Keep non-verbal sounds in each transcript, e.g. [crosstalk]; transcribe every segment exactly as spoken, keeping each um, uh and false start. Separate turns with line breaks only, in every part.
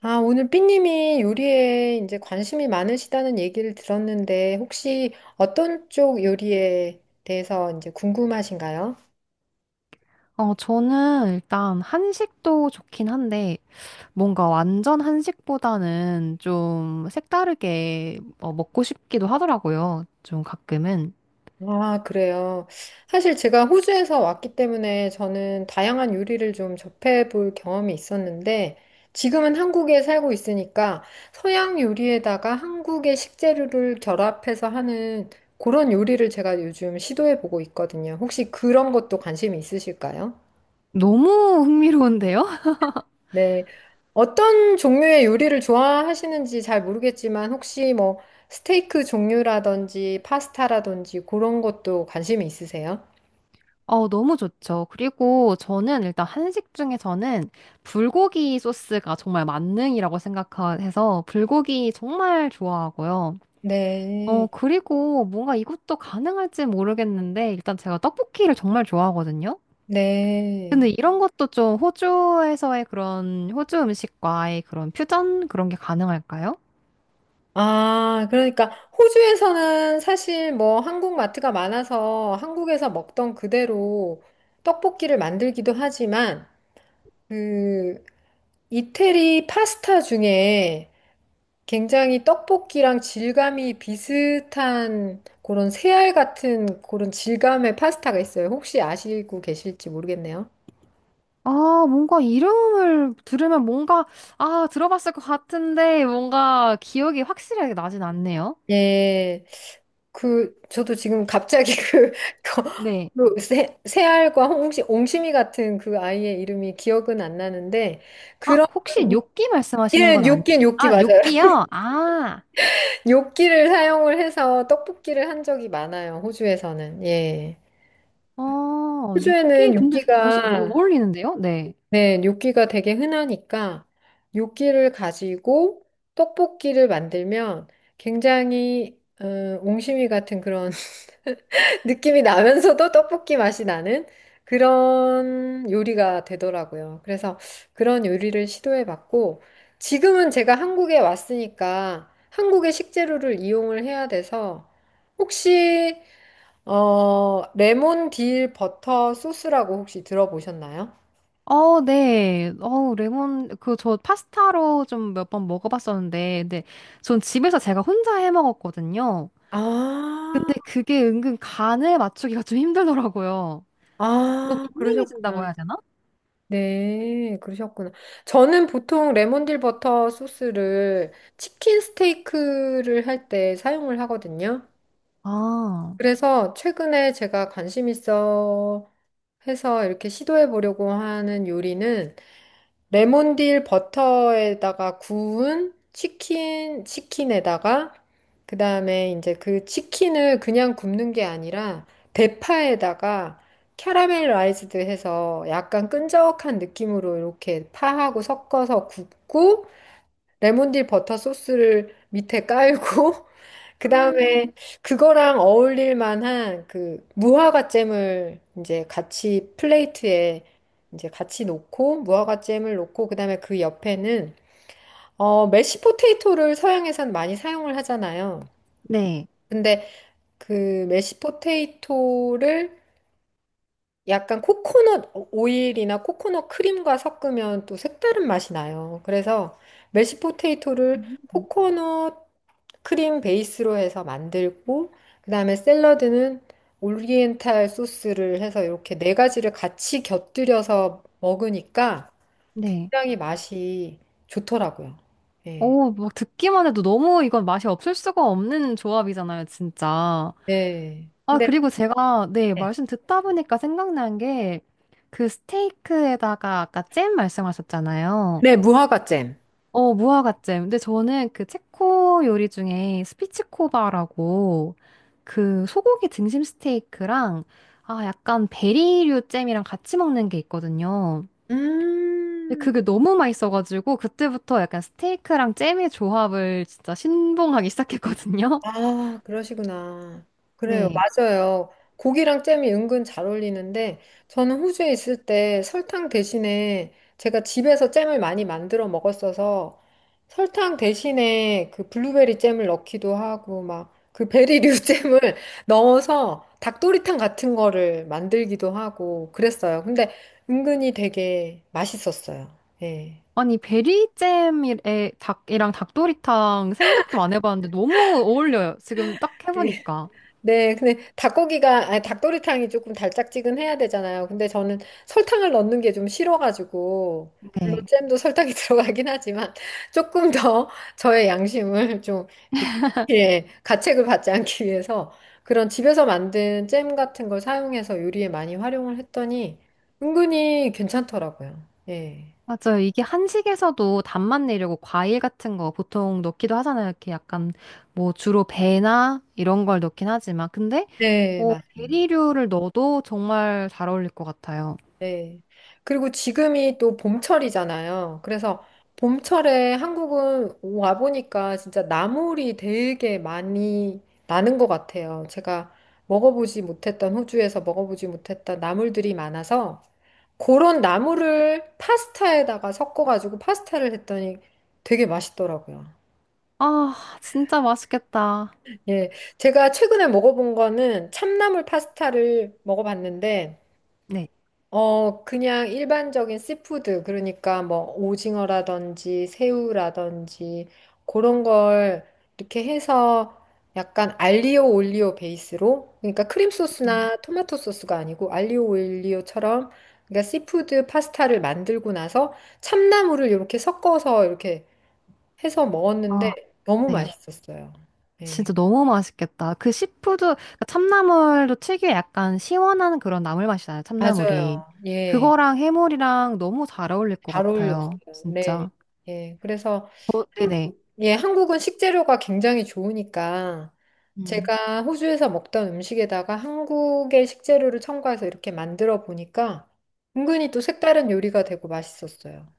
아, 오늘 삐님이 요리에 이제 관심이 많으시다는 얘기를 들었는데, 혹시 어떤 쪽 요리에 대해서 이제 궁금하신가요?
어, 저는 일단 한식도 좋긴 한데, 뭔가 완전 한식보다는 좀 색다르게 어, 먹고 싶기도 하더라고요. 좀 가끔은.
아, 그래요. 사실 제가 호주에서 왔기 때문에 저는 다양한 요리를 좀 접해볼 경험이 있었는데, 지금은 한국에 살고 있으니까 서양 요리에다가 한국의 식재료를 결합해서 하는 그런 요리를 제가 요즘 시도해보고 있거든요. 혹시 그런 것도 관심이 있으실까요?
너무 흥미로운데요?
네. 어떤 종류의 요리를 좋아하시는지 잘 모르겠지만 혹시 뭐 스테이크 종류라든지 파스타라든지 그런 것도 관심이 있으세요?
[laughs] 어, 너무 좋죠. 그리고 저는 일단 한식 중에서는 불고기 소스가 정말 만능이라고 생각해서 불고기 정말 좋아하고요.
네.
어, 그리고 뭔가 이것도 가능할지 모르겠는데, 일단 제가 떡볶이를 정말 좋아하거든요. 근데
네.
이런 것도 좀 호주에서의 그런 호주 음식과의 그런 퓨전 그런 게 가능할까요?
아, 그러니까 호주에서는 사실 뭐 한국 마트가 많아서 한국에서 먹던 그대로 떡볶이를 만들기도 하지만 그 이태리 파스타 중에 굉장히 떡볶이랑 질감이 비슷한 그런 새알 같은 그런 질감의 파스타가 있어요. 혹시 아시고 계실지 모르겠네요.
아, 뭔가 이름을 들으면 뭔가, 아, 들어봤을 것 같은데 뭔가 기억이 확실하게 나진 않네요.
예. 그 저도 지금 갑자기 그, [laughs] 거-
네.
그 새, 새알과 홍시, 옹심이 같은 그 아이의 이름이 기억은 안 나는데
아,
그런,
혹시 요끼 말씀하시는
예,
건 아니,
요끼 요끼
아,
맞아요. [laughs]
요끼요? 아,
요끼를 사용을 해서 떡볶이를 한 적이 많아요. 호주에서는. 예.
어, 요끼
호주에는
근데 어,
요끼가,
어울리는데요? 네.
네, 요끼가 되게 흔하니까 요끼를 가지고 떡볶이를 만들면 굉장히 음, 옹심이 같은 그런 [laughs] 느낌이 나면서도 떡볶이 맛이 나는 그런 요리가 되더라고요. 그래서 그런 요리를 시도해봤고 지금은 제가 한국에 왔으니까 한국의 식재료를 이용을 해야 돼서 혹시 어, 레몬 딜 버터 소스라고 혹시 들어보셨나요?
어, 네. 어, 레몬, 그, 저 파스타로 좀 몇 번 먹어봤었는데, 근데 전 집에서 제가 혼자 해 먹었거든요.
아,
근데 그게 은근 간에 맞추기가 좀 힘들더라고요. 너무
아, 그러셨구나.
밍밍해진다고 해야 되나?
네, 그러셨구나. 저는 보통 레몬딜 버터 소스를 치킨 스테이크를 할 때 사용을 하거든요.
아,
그래서 최근에 제가 관심 있어 해서 이렇게 시도해 보려고 하는 요리는 레몬딜 버터에다가 구운 치킨, 치킨에다가, 그 다음에 이제 그 치킨을 그냥 굽는 게 아니라, 대파에다가 캐러멜라이즈드 해서 약간 끈적한 느낌으로 이렇게 파하고 섞어서 굽고, 레몬딜 버터 소스를 밑에 깔고 [laughs] 그다음에 그거랑 어울릴 만한 그 무화과 잼을 이제 같이 플레이트에 이제 같이 놓고 무화과 잼을 놓고 그다음에 그 옆에는 어 메시 포테이토를 서양에선 많이 사용을 하잖아요.
네.
근데 그 메시 포테이토를 약간 코코넛 오일이나 코코넛 크림과 섞으면 또 색다른 맛이 나요. 그래서 메시 포테이토를
음.
코코넛 크림 베이스로 해서 만들고 그다음에 샐러드는 오리엔탈 소스를 해서 이렇게 네 가지를 같이 곁들여서 먹으니까
네.
굉장히 맛이 좋더라고요. 네.
오, 막 듣기만 해도 너무 이건 맛이 없을 수가 없는 조합이잖아요, 진짜.
네.
아,
근데
그리고 제가, 네,
네.
말씀 듣다 보니까 생각난 게 그 스테이크에다가 아까 잼 말씀하셨잖아요.
네, 무화과 잼.
어, 무화과잼. 근데 저는 그 체코 요리 중에 스피치코바라고 그 소고기 등심 스테이크랑 아, 약간 베리류 잼이랑 같이 먹는 게 있거든요. 근데
음.
그게 너무 맛있어가지고 그때부터 약간 스테이크랑 잼의 조합을 진짜 신봉하기 시작했거든요.
아, 그러시구나.
[laughs]
그래요,
네.
맞아요. 고기랑 잼이 은근 잘 어울리는데, 저는 호주에 있을 때 설탕 대신에 제가 집에서 잼을 많이 만들어 먹었어서 설탕 대신에 그 블루베리 잼을 넣기도 하고, 막 그 베리류 [laughs] 잼을 넣어서 닭도리탕 같은 거를 만들기도 하고 그랬어요. 근데 은근히 되게 맛있었어요. 예.
아니, 베리잼에 닭이랑 닭도리탕 생각도 안 해봤는데 너무 어울려요. 지금 딱
[laughs]
해보니까.
네, 근데 닭고기가, 아니, 닭도리탕이 조금 달짝지근해야 되잖아요. 근데 저는 설탕을 넣는 게 좀 싫어가지고, 물론
네.
잼도 설탕이 [laughs] 들어가긴 하지만, 조금 더 저의 양심을 좀, 이렇게, 예, 가책을 받지 않기 위해서 그런 집에서 만든 잼 같은 걸 사용해서 요리에 많이 활용을 했더니, 은근히 괜찮더라고요. 예.
맞아요. 이게 한식에서도 단맛 내려고 과일 같은 거 보통 넣기도 하잖아요. 이렇게 약간 뭐 주로 배나 이런 걸 넣긴 하지만. 근데
네,
뭐
맞아요.
베리류를 넣어도 정말 잘 어울릴 것 같아요.
네. 그리고 지금이 또 봄철이잖아요. 그래서 봄철에 한국은 와보니까 진짜 나물이 되게 많이 나는 것 같아요. 제가 먹어보지 못했던, 호주에서 먹어보지 못했던 나물들이 많아서 그런 나물을 파스타에다가 섞어가지고 파스타를 했더니 되게 맛있더라고요.
아, 진짜 맛있겠다.
예. 제가 최근에 먹어본 거는 참나물 파스타를 먹어봤는데
네.
어, 그냥 일반적인 씨푸드, 그러니까 뭐 오징어라든지 새우라든지 그런 걸 이렇게 해서 약간 알리오 올리오 베이스로, 그러니까 크림
음,
소스나 토마토 소스가 아니고 알리오 올리오처럼, 그러니까 씨푸드 파스타를 만들고 나서 참나물을 이렇게 섞어서 이렇게 해서
아,
먹었는데 너무
네.
맛있었어요. 네,
진짜 너무 맛있겠다. 그 시푸드, 그러니까 참나물도 특유의 약간 시원한 그런 나물 맛이잖아요. 참나물이.
맞아요. 예,
그거랑 해물이랑 너무 잘 어울릴 것
잘 어울렸어요.
같아요.
네,
진짜.
예, 그래서,
어, 네네.
예, 한국은 식재료가 굉장히 좋으니까
음.
제가 호주에서 먹던 음식에다가 한국의 식재료를 첨가해서 이렇게 만들어 보니까 은근히 또 색다른 요리가 되고 맛있었어요.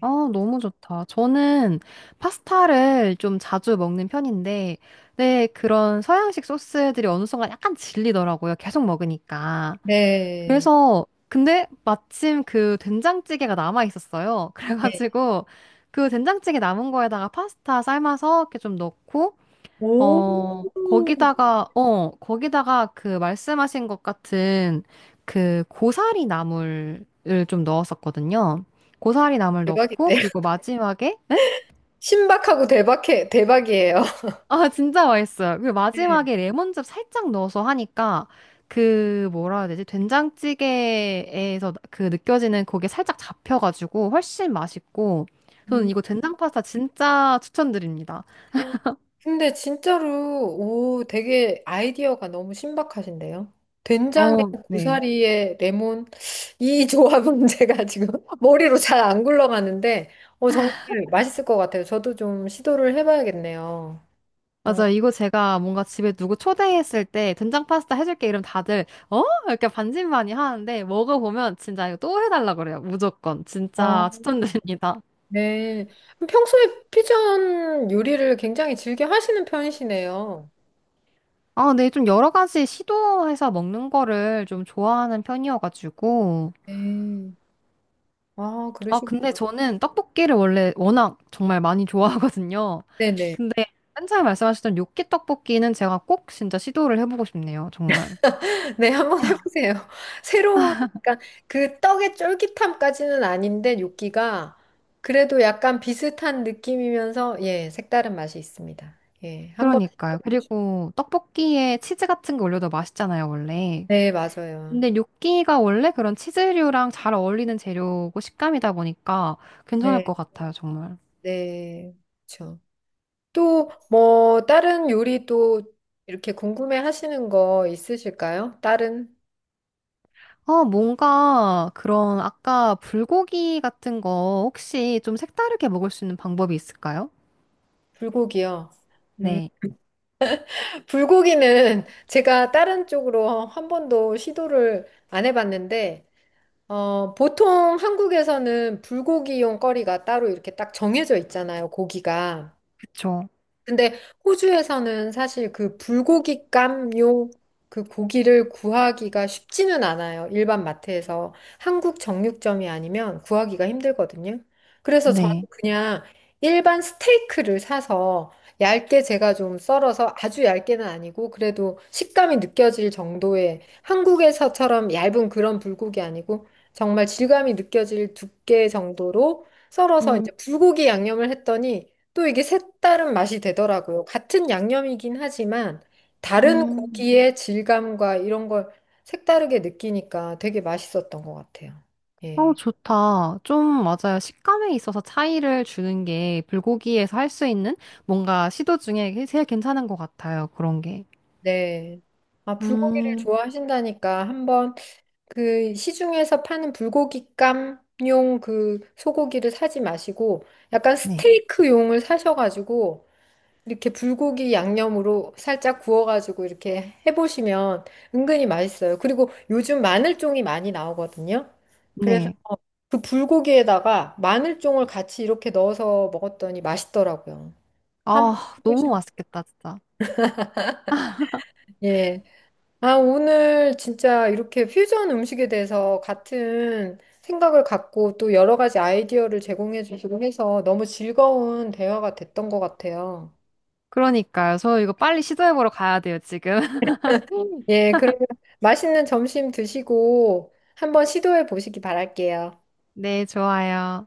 아, 너무 좋다. 저는 파스타를 좀 자주 먹는 편인데, 네, 그런 서양식 소스들이 어느 순간 약간 질리더라고요. 계속 먹으니까.
네.
그래서, 근데 마침 그 된장찌개가 남아 있었어요. [laughs]
예.
그래가지고, 그 된장찌개 남은 거에다가 파스타 삶아서 이렇게 좀 넣고,
오,
어, 거기다가, 어, 거기다가 그 말씀하신 것 같은 그 고사리 나물을 좀 넣었었거든요. 고사리 나물 넣고,
대박인데요?
그리고
[laughs]
마지막에, 네?
신박하고 대박해, 대박이에요. [laughs]
아, 진짜 맛있어요. 그리고
네.
마지막에 레몬즙 살짝 넣어서 하니까 그 뭐라 해야 되지? 된장찌개에서 그 느껴지는 그게 살짝 잡혀가지고 훨씬 맛있고, 저는
음.
이거 된장 파스타 진짜 추천드립니다.
근데 진짜로, 오, 되게 아이디어가 너무 신박하신데요? 된장에
어, 네.
고사리에 레몬, 이 조합은 [laughs] 제가 지금 머리로 잘 안 굴러가는데, 어, 정말 맛있을 것 같아요. 저도 좀 시도를 해봐야겠네요. 어,
맞아. 이거 제가 뭔가 집에 누구 초대했을 때 된장 파스타 해줄게 이러면 다들 어? 이렇게 반신반의 하는데 먹어보면 진짜 이거 또 해달라 그래요. 무조건.
아,
진짜 추천드립니다.
네. 그럼 평소에 퓨전 요리를 굉장히 즐겨 하시는 편이시네요.
아, 네. 좀 여러 가지 시도해서 먹는 거를 좀 좋아하는 편이어가지고.
네. 아,
아, 근데
그러시구나.
저는 떡볶이를 원래 워낙 정말 많이 좋아하거든요.
네네.
근데 맨 처음에 말씀하셨던 요끼 떡볶이는 제가 꼭 진짜 시도를 해보고 싶네요. 정말.
네, 한 번 해보세요. [laughs] 새로운, 그러니까 그 떡의 쫄깃함까지는 아닌데, 요끼가 그래도 약간 비슷한 느낌이면서, 예, 색다른 맛이 있습니다. 예, 한번,
그러니까요. 그리고 떡볶이에 치즈 같은 거 올려도 맛있잖아요, 원래.
네, 맞아요.
근데 뇨끼가 원래 그런 치즈류랑 잘 어울리는 재료고 식감이다 보니까 괜찮을
네,
것 같아요, 정말.
네, 그렇죠. 또, 뭐, 다른 요리 또 이렇게 궁금해 하시는 거 있으실까요? 다른
아, 뭔가 그런 아까 불고기 같은 거 혹시 좀 색다르게 먹을 수 있는 방법이 있을까요?
불고기요. 음,
네,
불고기는 [laughs] 제가 다른 쪽으로 한 번도 시도를 안 해봤는데, 어, 보통 한국에서는 불고기용 거리가 따로 이렇게 딱 정해져 있잖아요, 고기가.
그쵸.
근데 호주에서는 사실 그 불고기 깜요, 그 고기를 구하기가 쉽지는 않아요. 일반 마트에서 한국 정육점이 아니면 구하기가 힘들거든요. 그래서 저는
네.
그냥 일반 스테이크를 사서 얇게 제가 좀 썰어서 아주 얇게는 아니고 그래도 식감이 느껴질 정도의 한국에서처럼 얇은 그런 불고기 아니고 정말 질감이 느껴질 두께 정도로 썰어서
음,
이제 불고기 양념을 했더니 또 이게 색다른 맛이 되더라고요. 같은 양념이긴 하지만 다른
음.
고기의 질감과 이런 걸 색다르게 느끼니까 되게 맛있었던 것 같아요.
어,
예.
좋다. 좀 맞아요. 식감에 있어서 차이를 주는 게 불고기에서 할 수 있는 뭔가 시도 중에 제일 괜찮은 것 같아요. 그런 게.
네. 아, 불고기를
음,
좋아하신다니까 한번 그 시중에서 파는 불고기감용 그 소고기를 사지 마시고 약간
네.
스테이크용을 사셔가지고 이렇게 불고기 양념으로 살짝 구워가지고 이렇게 해보시면 은근히 맛있어요. 그리고 요즘 마늘종이 많이 나오거든요. 그래서
네.
그 불고기에다가 마늘종을 같이 이렇게 넣어서 먹었더니 맛있더라고요. 한번
아, 너무
해보시면 돼요.
맛있겠다, 진짜.
예. 아, 오늘 진짜 이렇게 퓨전 음식에 대해서 같은 생각을 갖고 또 여러 가지 아이디어를 제공해 주시고 해서 너무 즐거운 대화가 됐던 것 같아요.
그러니까요. 저 이거 빨리 시도해보러 가야 돼요, 지금. [laughs]
예, 그러면 맛있는 점심 드시고 한번 시도해 보시기 바랄게요.
네, 좋아요.